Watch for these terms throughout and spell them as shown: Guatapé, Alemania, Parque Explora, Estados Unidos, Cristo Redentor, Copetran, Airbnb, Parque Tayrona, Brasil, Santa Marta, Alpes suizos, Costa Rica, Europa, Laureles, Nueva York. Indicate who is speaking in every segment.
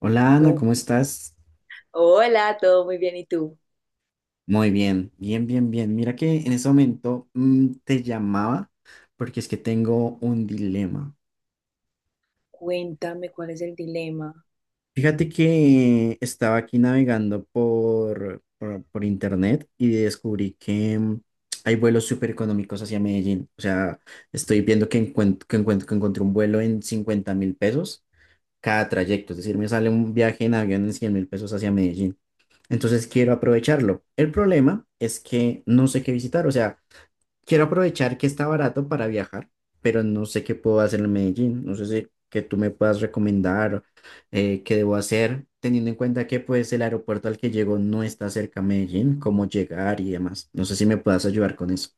Speaker 1: Hola Ana,
Speaker 2: Oh,
Speaker 1: ¿cómo estás?
Speaker 2: hola, todo muy bien. ¿Y tú?
Speaker 1: Muy bien, bien, bien, bien. Mira que en ese momento te llamaba porque es que tengo un dilema.
Speaker 2: Cuéntame cuál es el dilema.
Speaker 1: Fíjate que estaba aquí navegando por internet y descubrí que hay vuelos súper económicos hacia Medellín. O sea, estoy viendo que encuentro, que encuentro, que encontré un vuelo en 50.000 pesos cada trayecto. Es decir, me sale un viaje en avión en 100.000 pesos hacia Medellín. Entonces quiero aprovecharlo. El problema es que no sé qué visitar. O sea, quiero aprovechar que está barato para viajar, pero no sé qué puedo hacer en Medellín. No sé si que tú me puedas recomendar qué debo hacer, teniendo en cuenta que pues el aeropuerto al que llego no está cerca a Medellín, cómo llegar y demás. No sé si me puedas ayudar con eso.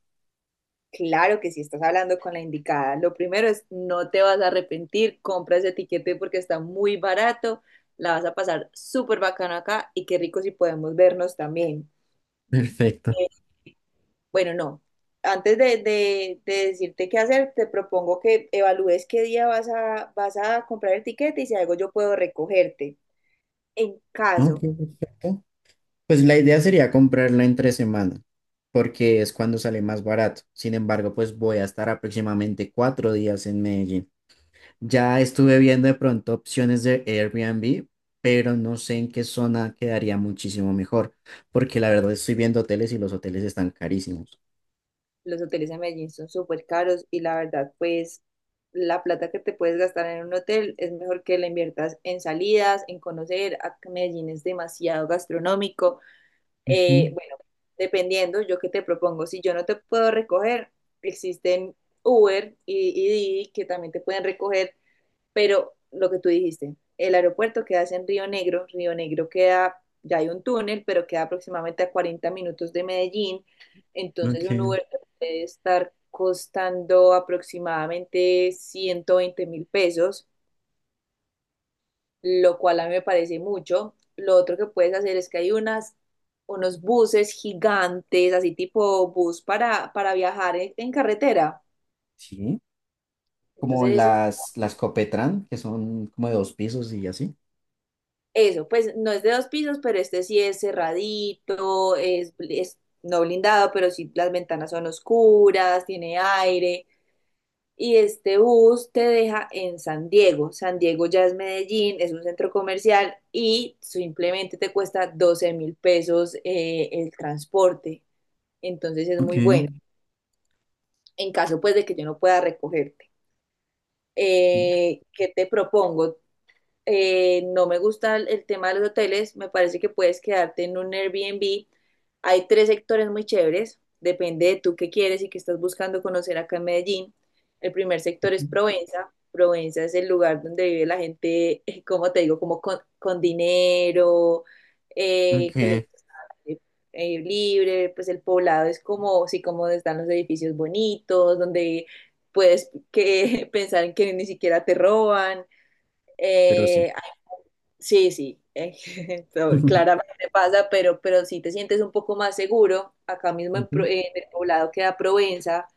Speaker 2: Claro que si estás hablando con la indicada. Lo primero, es no te vas a arrepentir, compra ese tiquete porque está muy barato, la vas a pasar súper bacano acá y qué rico si podemos vernos también.
Speaker 1: Perfecto.
Speaker 2: Eh, bueno, no. Antes de decirte qué hacer, te propongo que evalúes qué día vas a comprar el tiquete y si algo yo puedo recogerte. En
Speaker 1: Ok,
Speaker 2: caso,
Speaker 1: perfecto. Pues la idea sería comprarla entre semana, porque es cuando sale más barato. Sin embargo, pues voy a estar aproximadamente 4 días en Medellín. Ya estuve viendo de pronto opciones de Airbnb, pero no sé en qué zona quedaría muchísimo mejor, porque la verdad estoy viendo hoteles y los hoteles están carísimos.
Speaker 2: los hoteles en Medellín son súper caros y la verdad, pues la plata que te puedes gastar en un hotel es mejor que la inviertas en salidas, en conocer. A Medellín es demasiado gastronómico.
Speaker 1: Ujú,
Speaker 2: Bueno, dependiendo, yo qué te propongo, si yo no te puedo recoger, existen Uber y Didi, que también te pueden recoger, pero lo que tú dijiste, el aeropuerto queda en Río Negro. Río Negro queda, ya hay un túnel, pero queda aproximadamente a 40 minutos de Medellín, entonces un
Speaker 1: ok.
Speaker 2: Uber te puede estar costando aproximadamente 120.000 pesos, lo cual a mí me parece mucho. Lo otro que puedes hacer es que hay unas, unos buses gigantes, así tipo bus para viajar en carretera.
Speaker 1: Sí. Como
Speaker 2: Entonces
Speaker 1: las Copetran, que son como de 2 pisos y así.
Speaker 2: eso, pues no es de dos pisos, pero este sí es cerradito, es no blindado, pero sí, las ventanas son oscuras, tiene aire. Y este bus te deja en San Diego. San Diego ya es Medellín, es un centro comercial y simplemente te cuesta 12.000 pesos el transporte. Entonces es
Speaker 1: Ok.
Speaker 2: muy bueno. En caso, pues, de que yo no pueda recogerte. ¿Qué te propongo? No me gusta el tema de los hoteles, me parece que puedes quedarte en un Airbnb. Hay tres sectores muy chéveres, depende de tú qué quieres y qué estás buscando conocer acá en Medellín. El primer sector es
Speaker 1: Ujú,
Speaker 2: Provenza. Provenza es el lugar donde vive la gente, como te digo, como con dinero,
Speaker 1: ok,
Speaker 2: que le gusta eh, libre, pues el Poblado es como, sí, como están los edificios bonitos, donde puedes, que, pensar en que ni siquiera te roban.
Speaker 1: pero sí.
Speaker 2: Eh, Sí, sí, claramente pasa, pero sí te sientes un poco más seguro. Acá mismo en,
Speaker 1: Ujú.
Speaker 2: en el Poblado queda Provenza,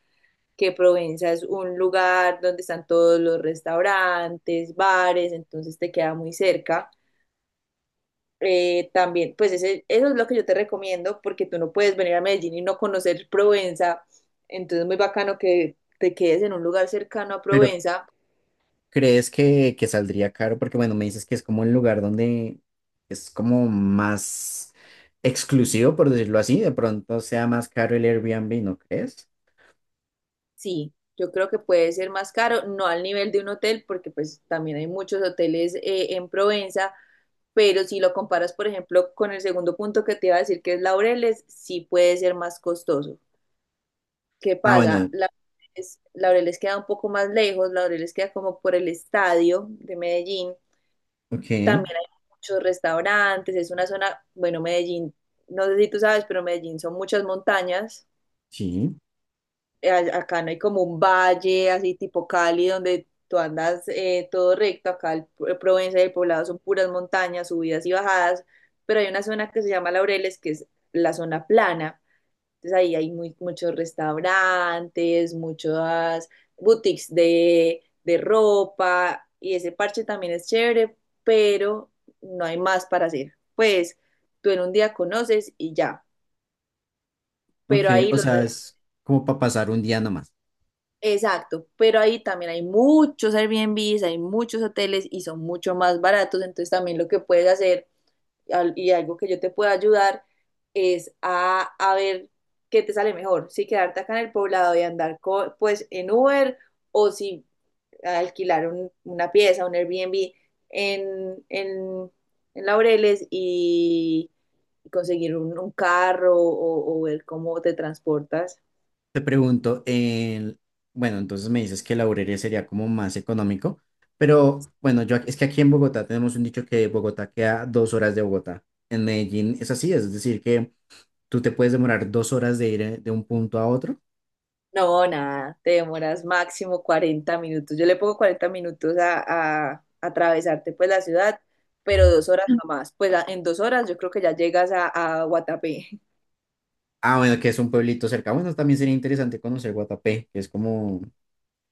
Speaker 2: que Provenza es un lugar donde están todos los restaurantes, bares, entonces te queda muy cerca. También, pues eso es lo que yo te recomiendo, porque tú no puedes venir a Medellín y no conocer Provenza, entonces es muy bacano que te quedes en un lugar cercano a
Speaker 1: Pero
Speaker 2: Provenza.
Speaker 1: ¿crees que saldría caro? Porque bueno, me dices que es como el lugar donde es como más exclusivo, por decirlo así, de pronto sea más caro el Airbnb, ¿no crees?
Speaker 2: Sí, yo creo que puede ser más caro, no al nivel de un hotel, porque pues también hay muchos hoteles en Provenza, pero si lo comparas, por ejemplo, con el segundo punto que te iba a decir, que es Laureles, sí puede ser más costoso. ¿Qué
Speaker 1: Ah,
Speaker 2: pasa?
Speaker 1: bueno,
Speaker 2: Laureles, Laureles queda un poco más lejos, Laureles queda como por el estadio de Medellín,
Speaker 1: ok,
Speaker 2: también hay muchos restaurantes, es una zona, bueno, Medellín, no sé si tú sabes, pero Medellín son muchas montañas.
Speaker 1: sí,
Speaker 2: Acá no hay como un valle así tipo Cali donde tú andas todo recto, acá el, Provenza y el Poblado son puras montañas, subidas y bajadas, pero hay una zona que se llama Laureles, que es la zona plana, entonces ahí hay muy, muchos restaurantes, muchas boutiques de ropa y ese parche también es chévere, pero no hay más para hacer. Pues tú en un día conoces y ya,
Speaker 1: ok,
Speaker 2: pero ahí
Speaker 1: o
Speaker 2: los...
Speaker 1: sea, es como para pasar un día nomás.
Speaker 2: Exacto, pero ahí también hay muchos Airbnbs, hay muchos hoteles y son mucho más baratos, entonces también lo que puedes hacer y algo que yo te pueda ayudar es a ver qué te sale mejor, si quedarte acá en el Poblado y andar pues en Uber o si alquilar una pieza, un Airbnb en, en, en Laureles y conseguir un carro o ver cómo te transportas.
Speaker 1: Te pregunto, el, bueno, entonces me dices que la Laureles sería como más económico, pero bueno, yo ac- es que aquí en Bogotá tenemos un dicho que Bogotá queda 2 horas de Bogotá. En Medellín es así, es decir, que tú te puedes demorar 2 horas de ir de un punto a otro.
Speaker 2: No, nada, te demoras máximo 40 minutos. Yo le pongo 40 minutos a atravesarte pues la ciudad, pero 2 horas jamás. Pues en 2 horas yo creo que ya llegas a Guatapé.
Speaker 1: Ah, bueno, que es un pueblito cerca. Bueno, también sería interesante conocer Guatapé, que es como,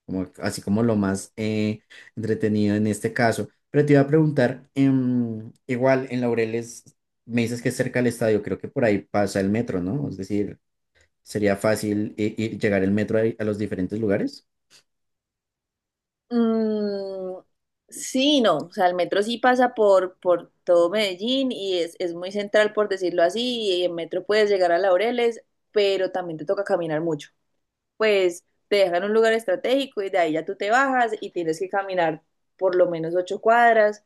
Speaker 1: como así como lo más entretenido en este caso. Pero te iba a preguntar, igual en Laureles me dices que es cerca del estadio, creo que por ahí pasa el metro, ¿no? Es decir, sería fácil i- ir- llegar el metro a los diferentes lugares.
Speaker 2: Mm, sí, no, o sea, el metro sí pasa por todo Medellín y es muy central, por decirlo así, y en metro puedes llegar a Laureles, pero también te toca caminar mucho. Pues te dejan un lugar estratégico y de ahí ya tú te bajas y tienes que caminar por lo menos 8 cuadras.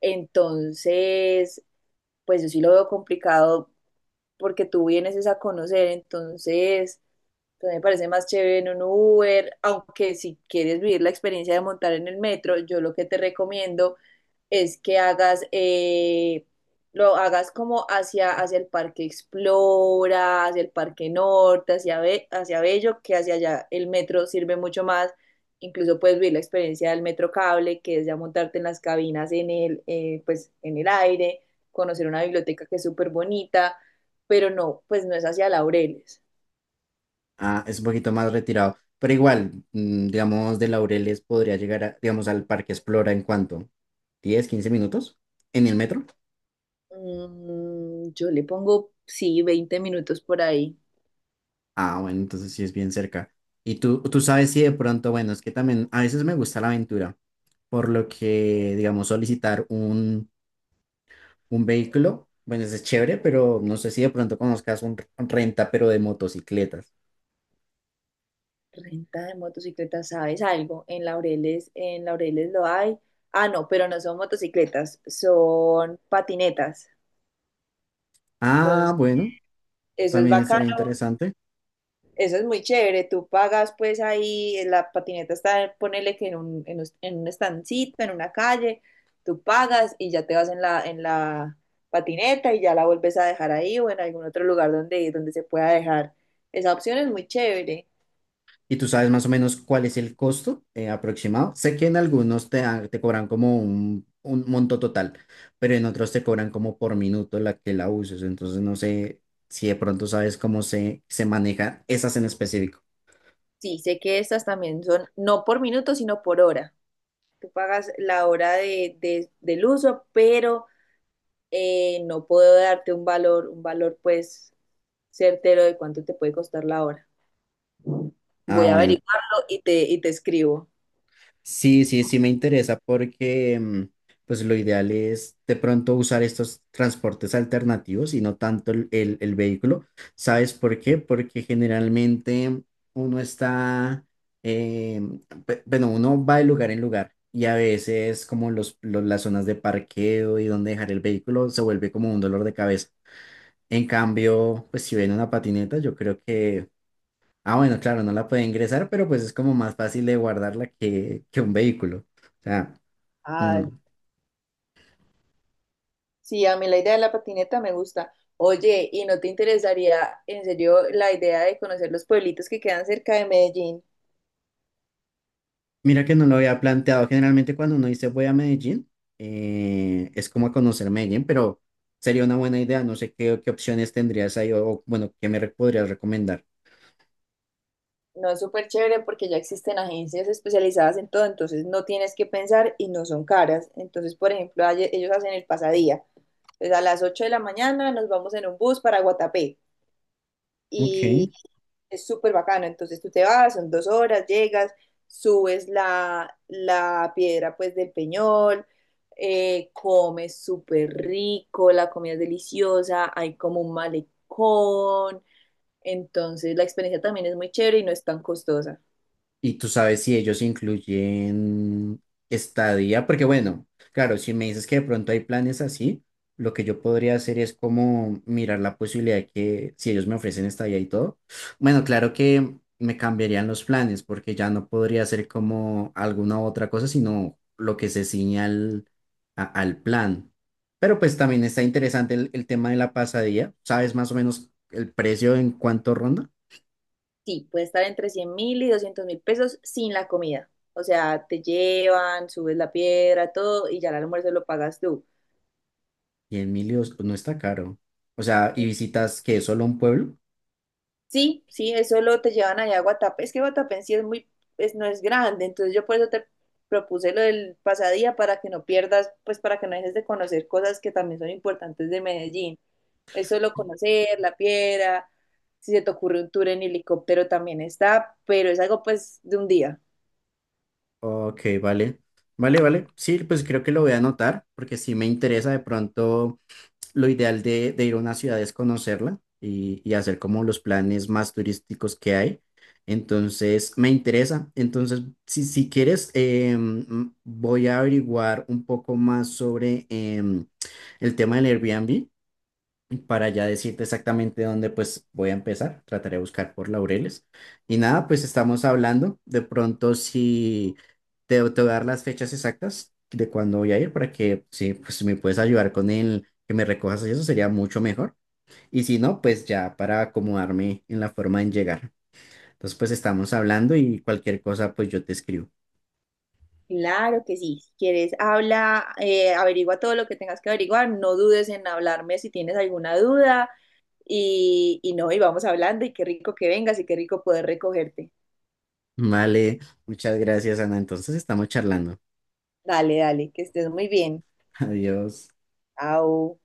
Speaker 2: Entonces, pues yo sí lo veo complicado porque tú vienes es a conocer, entonces, pues me parece más chévere en un Uber, aunque si quieres vivir la experiencia de montar en el metro, yo lo que te recomiendo es que hagas, lo hagas como hacia, hacia el Parque Explora, hacia el Parque Norte, hacia, hacia Bello, que hacia allá el metro sirve mucho más. Incluso puedes vivir la experiencia del metro cable, que es ya montarte en las cabinas en el, pues, en el aire, conocer una biblioteca que es súper bonita, pero no, pues no es hacia Laureles.
Speaker 1: Ah, es un poquito más retirado, pero igual, digamos, de Laureles podría llegar, a- digamos, al Parque Explora en cuanto, 10, 15 minutos en el metro.
Speaker 2: Yo le pongo, sí, 20 minutos por ahí.
Speaker 1: Ah, bueno, entonces sí es bien cerca. Y tú sabes si de pronto, bueno, es que también a veces me gusta la aventura, por lo que, digamos, solicitar un vehículo, bueno, eso es chévere, pero no sé si de pronto conozcas un r- renta, pero de motocicletas.
Speaker 2: Renta de motocicletas, ¿sabes algo? En Laureles lo hay. Ah, no, pero no son motocicletas, son patinetas. Entonces,
Speaker 1: Ah, bueno,
Speaker 2: eso es
Speaker 1: también
Speaker 2: bacano,
Speaker 1: estaría interesante.
Speaker 2: eso es muy chévere. Tú pagas pues ahí, la patineta está, ponele que en un estancito, en una calle, tú pagas y ya te vas en la patineta y ya la vuelves a dejar ahí o en algún otro lugar donde, donde se pueda dejar. Esa opción es muy chévere.
Speaker 1: ¿Y tú sabes más o menos cuál es el costo aproximado? Sé que en algunos te, dan- te cobran como un monto total, pero en otros te cobran como por minuto la que la uses. Entonces no sé si de pronto sabes cómo se, se manejan esas en específico.
Speaker 2: Sí, sé que estas también son no por minuto, sino por hora. Tú pagas la hora del uso, pero no puedo darte un valor pues certero de cuánto te puede costar la hora.
Speaker 1: Ah,
Speaker 2: Voy a
Speaker 1: bueno,
Speaker 2: averiguarlo y te escribo.
Speaker 1: sí, sí, sí me interesa porque pues lo ideal es de pronto usar estos transportes alternativos y no tanto el vehículo. ¿Sabes por qué? Porque generalmente uno está, eh, pe- bueno, uno va de lugar en lugar y a veces como los- las zonas de parqueo y donde dejar el vehículo se vuelve como un dolor de cabeza. En cambio, pues si ven una patineta, yo creo que ah, bueno, claro, no la puede ingresar, pero pues es como más fácil de guardarla que un vehículo. O sea,
Speaker 2: Ah,
Speaker 1: no.
Speaker 2: sí, a mí la idea de la patineta me gusta. Oye, ¿y no te interesaría en serio la idea de conocer los pueblitos que quedan cerca de Medellín?
Speaker 1: Mira que no lo había planteado. Generalmente cuando uno dice voy a Medellín, es como a conocer Medellín, pero sería una buena idea. No sé qué, qué opciones tendrías ahí o, bueno, qué me re- podrías recomendar.
Speaker 2: No, es súper chévere porque ya existen agencias especializadas en todo, entonces no tienes que pensar y no son caras. Entonces, por ejemplo, ellos hacen el pasadía. Entonces, a las 8 de la mañana nos vamos en un bus para Guatapé y
Speaker 1: Ok.
Speaker 2: es súper bacano. Entonces tú te vas, son 2 horas, llegas, subes la, la piedra pues del Peñol, comes súper rico, la comida es deliciosa, hay como un malecón. Entonces la experiencia también es muy chévere y no es tan costosa.
Speaker 1: Y tú sabes si ellos incluyen estadía, porque bueno, claro, si me dices que de pronto hay planes así, lo que yo podría hacer es como mirar la posibilidad de que si ellos me ofrecen estadía y todo, bueno, claro que me cambiarían los planes porque ya no podría hacer como alguna otra cosa, sino lo que se ciñe al, a- al plan. Pero pues también está interesante el tema de la pasadía. ¿Sabes más o menos el precio en cuánto ronda?
Speaker 2: Sí, puede estar entre 100 mil y 200 mil pesos sin la comida. O sea, te llevan, subes la piedra, todo, y ya el almuerzo lo pagas tú.
Speaker 1: Y en Emilio no está caro. O sea, ¿y visitas que solo un pueblo?
Speaker 2: Sí, sí, eso, lo te llevan allá a Guatapé. Es que Guatapé en sí es muy, es, no es grande, entonces yo por eso te propuse lo del pasadía para que no pierdas, pues para que no dejes de conocer cosas que también son importantes de Medellín. Es solo conocer la piedra. Si se te ocurre un tour en helicóptero también está, pero es algo pues de un día.
Speaker 1: Ok, vale. Vale, vale. Sí, pues creo que lo voy a anotar porque sí me interesa de pronto lo ideal de ir a una ciudad es conocerla y hacer como los planes más turísticos que hay. Entonces, me interesa. Entonces, si, si quieres, voy a averiguar un poco más sobre el tema del Airbnb para ya decirte exactamente dónde pues voy a empezar. Trataré de buscar por Laureles. Y nada, pues estamos hablando. De pronto si te, te voy a dar las fechas exactas de cuándo voy a ir para que sí pues si me puedes ayudar con el que me recojas y eso sería mucho mejor. Y si no, pues ya para acomodarme en la forma en llegar. Entonces pues estamos hablando y cualquier cosa pues yo te escribo.
Speaker 2: Claro que sí, si quieres habla, averigua todo lo que tengas que averiguar, no dudes en hablarme si tienes alguna duda y no, y vamos hablando y qué rico que vengas y qué rico poder recogerte.
Speaker 1: Vale, muchas gracias Ana. Entonces estamos charlando.
Speaker 2: Dale, dale, que estés muy bien.
Speaker 1: Adiós.
Speaker 2: Chao.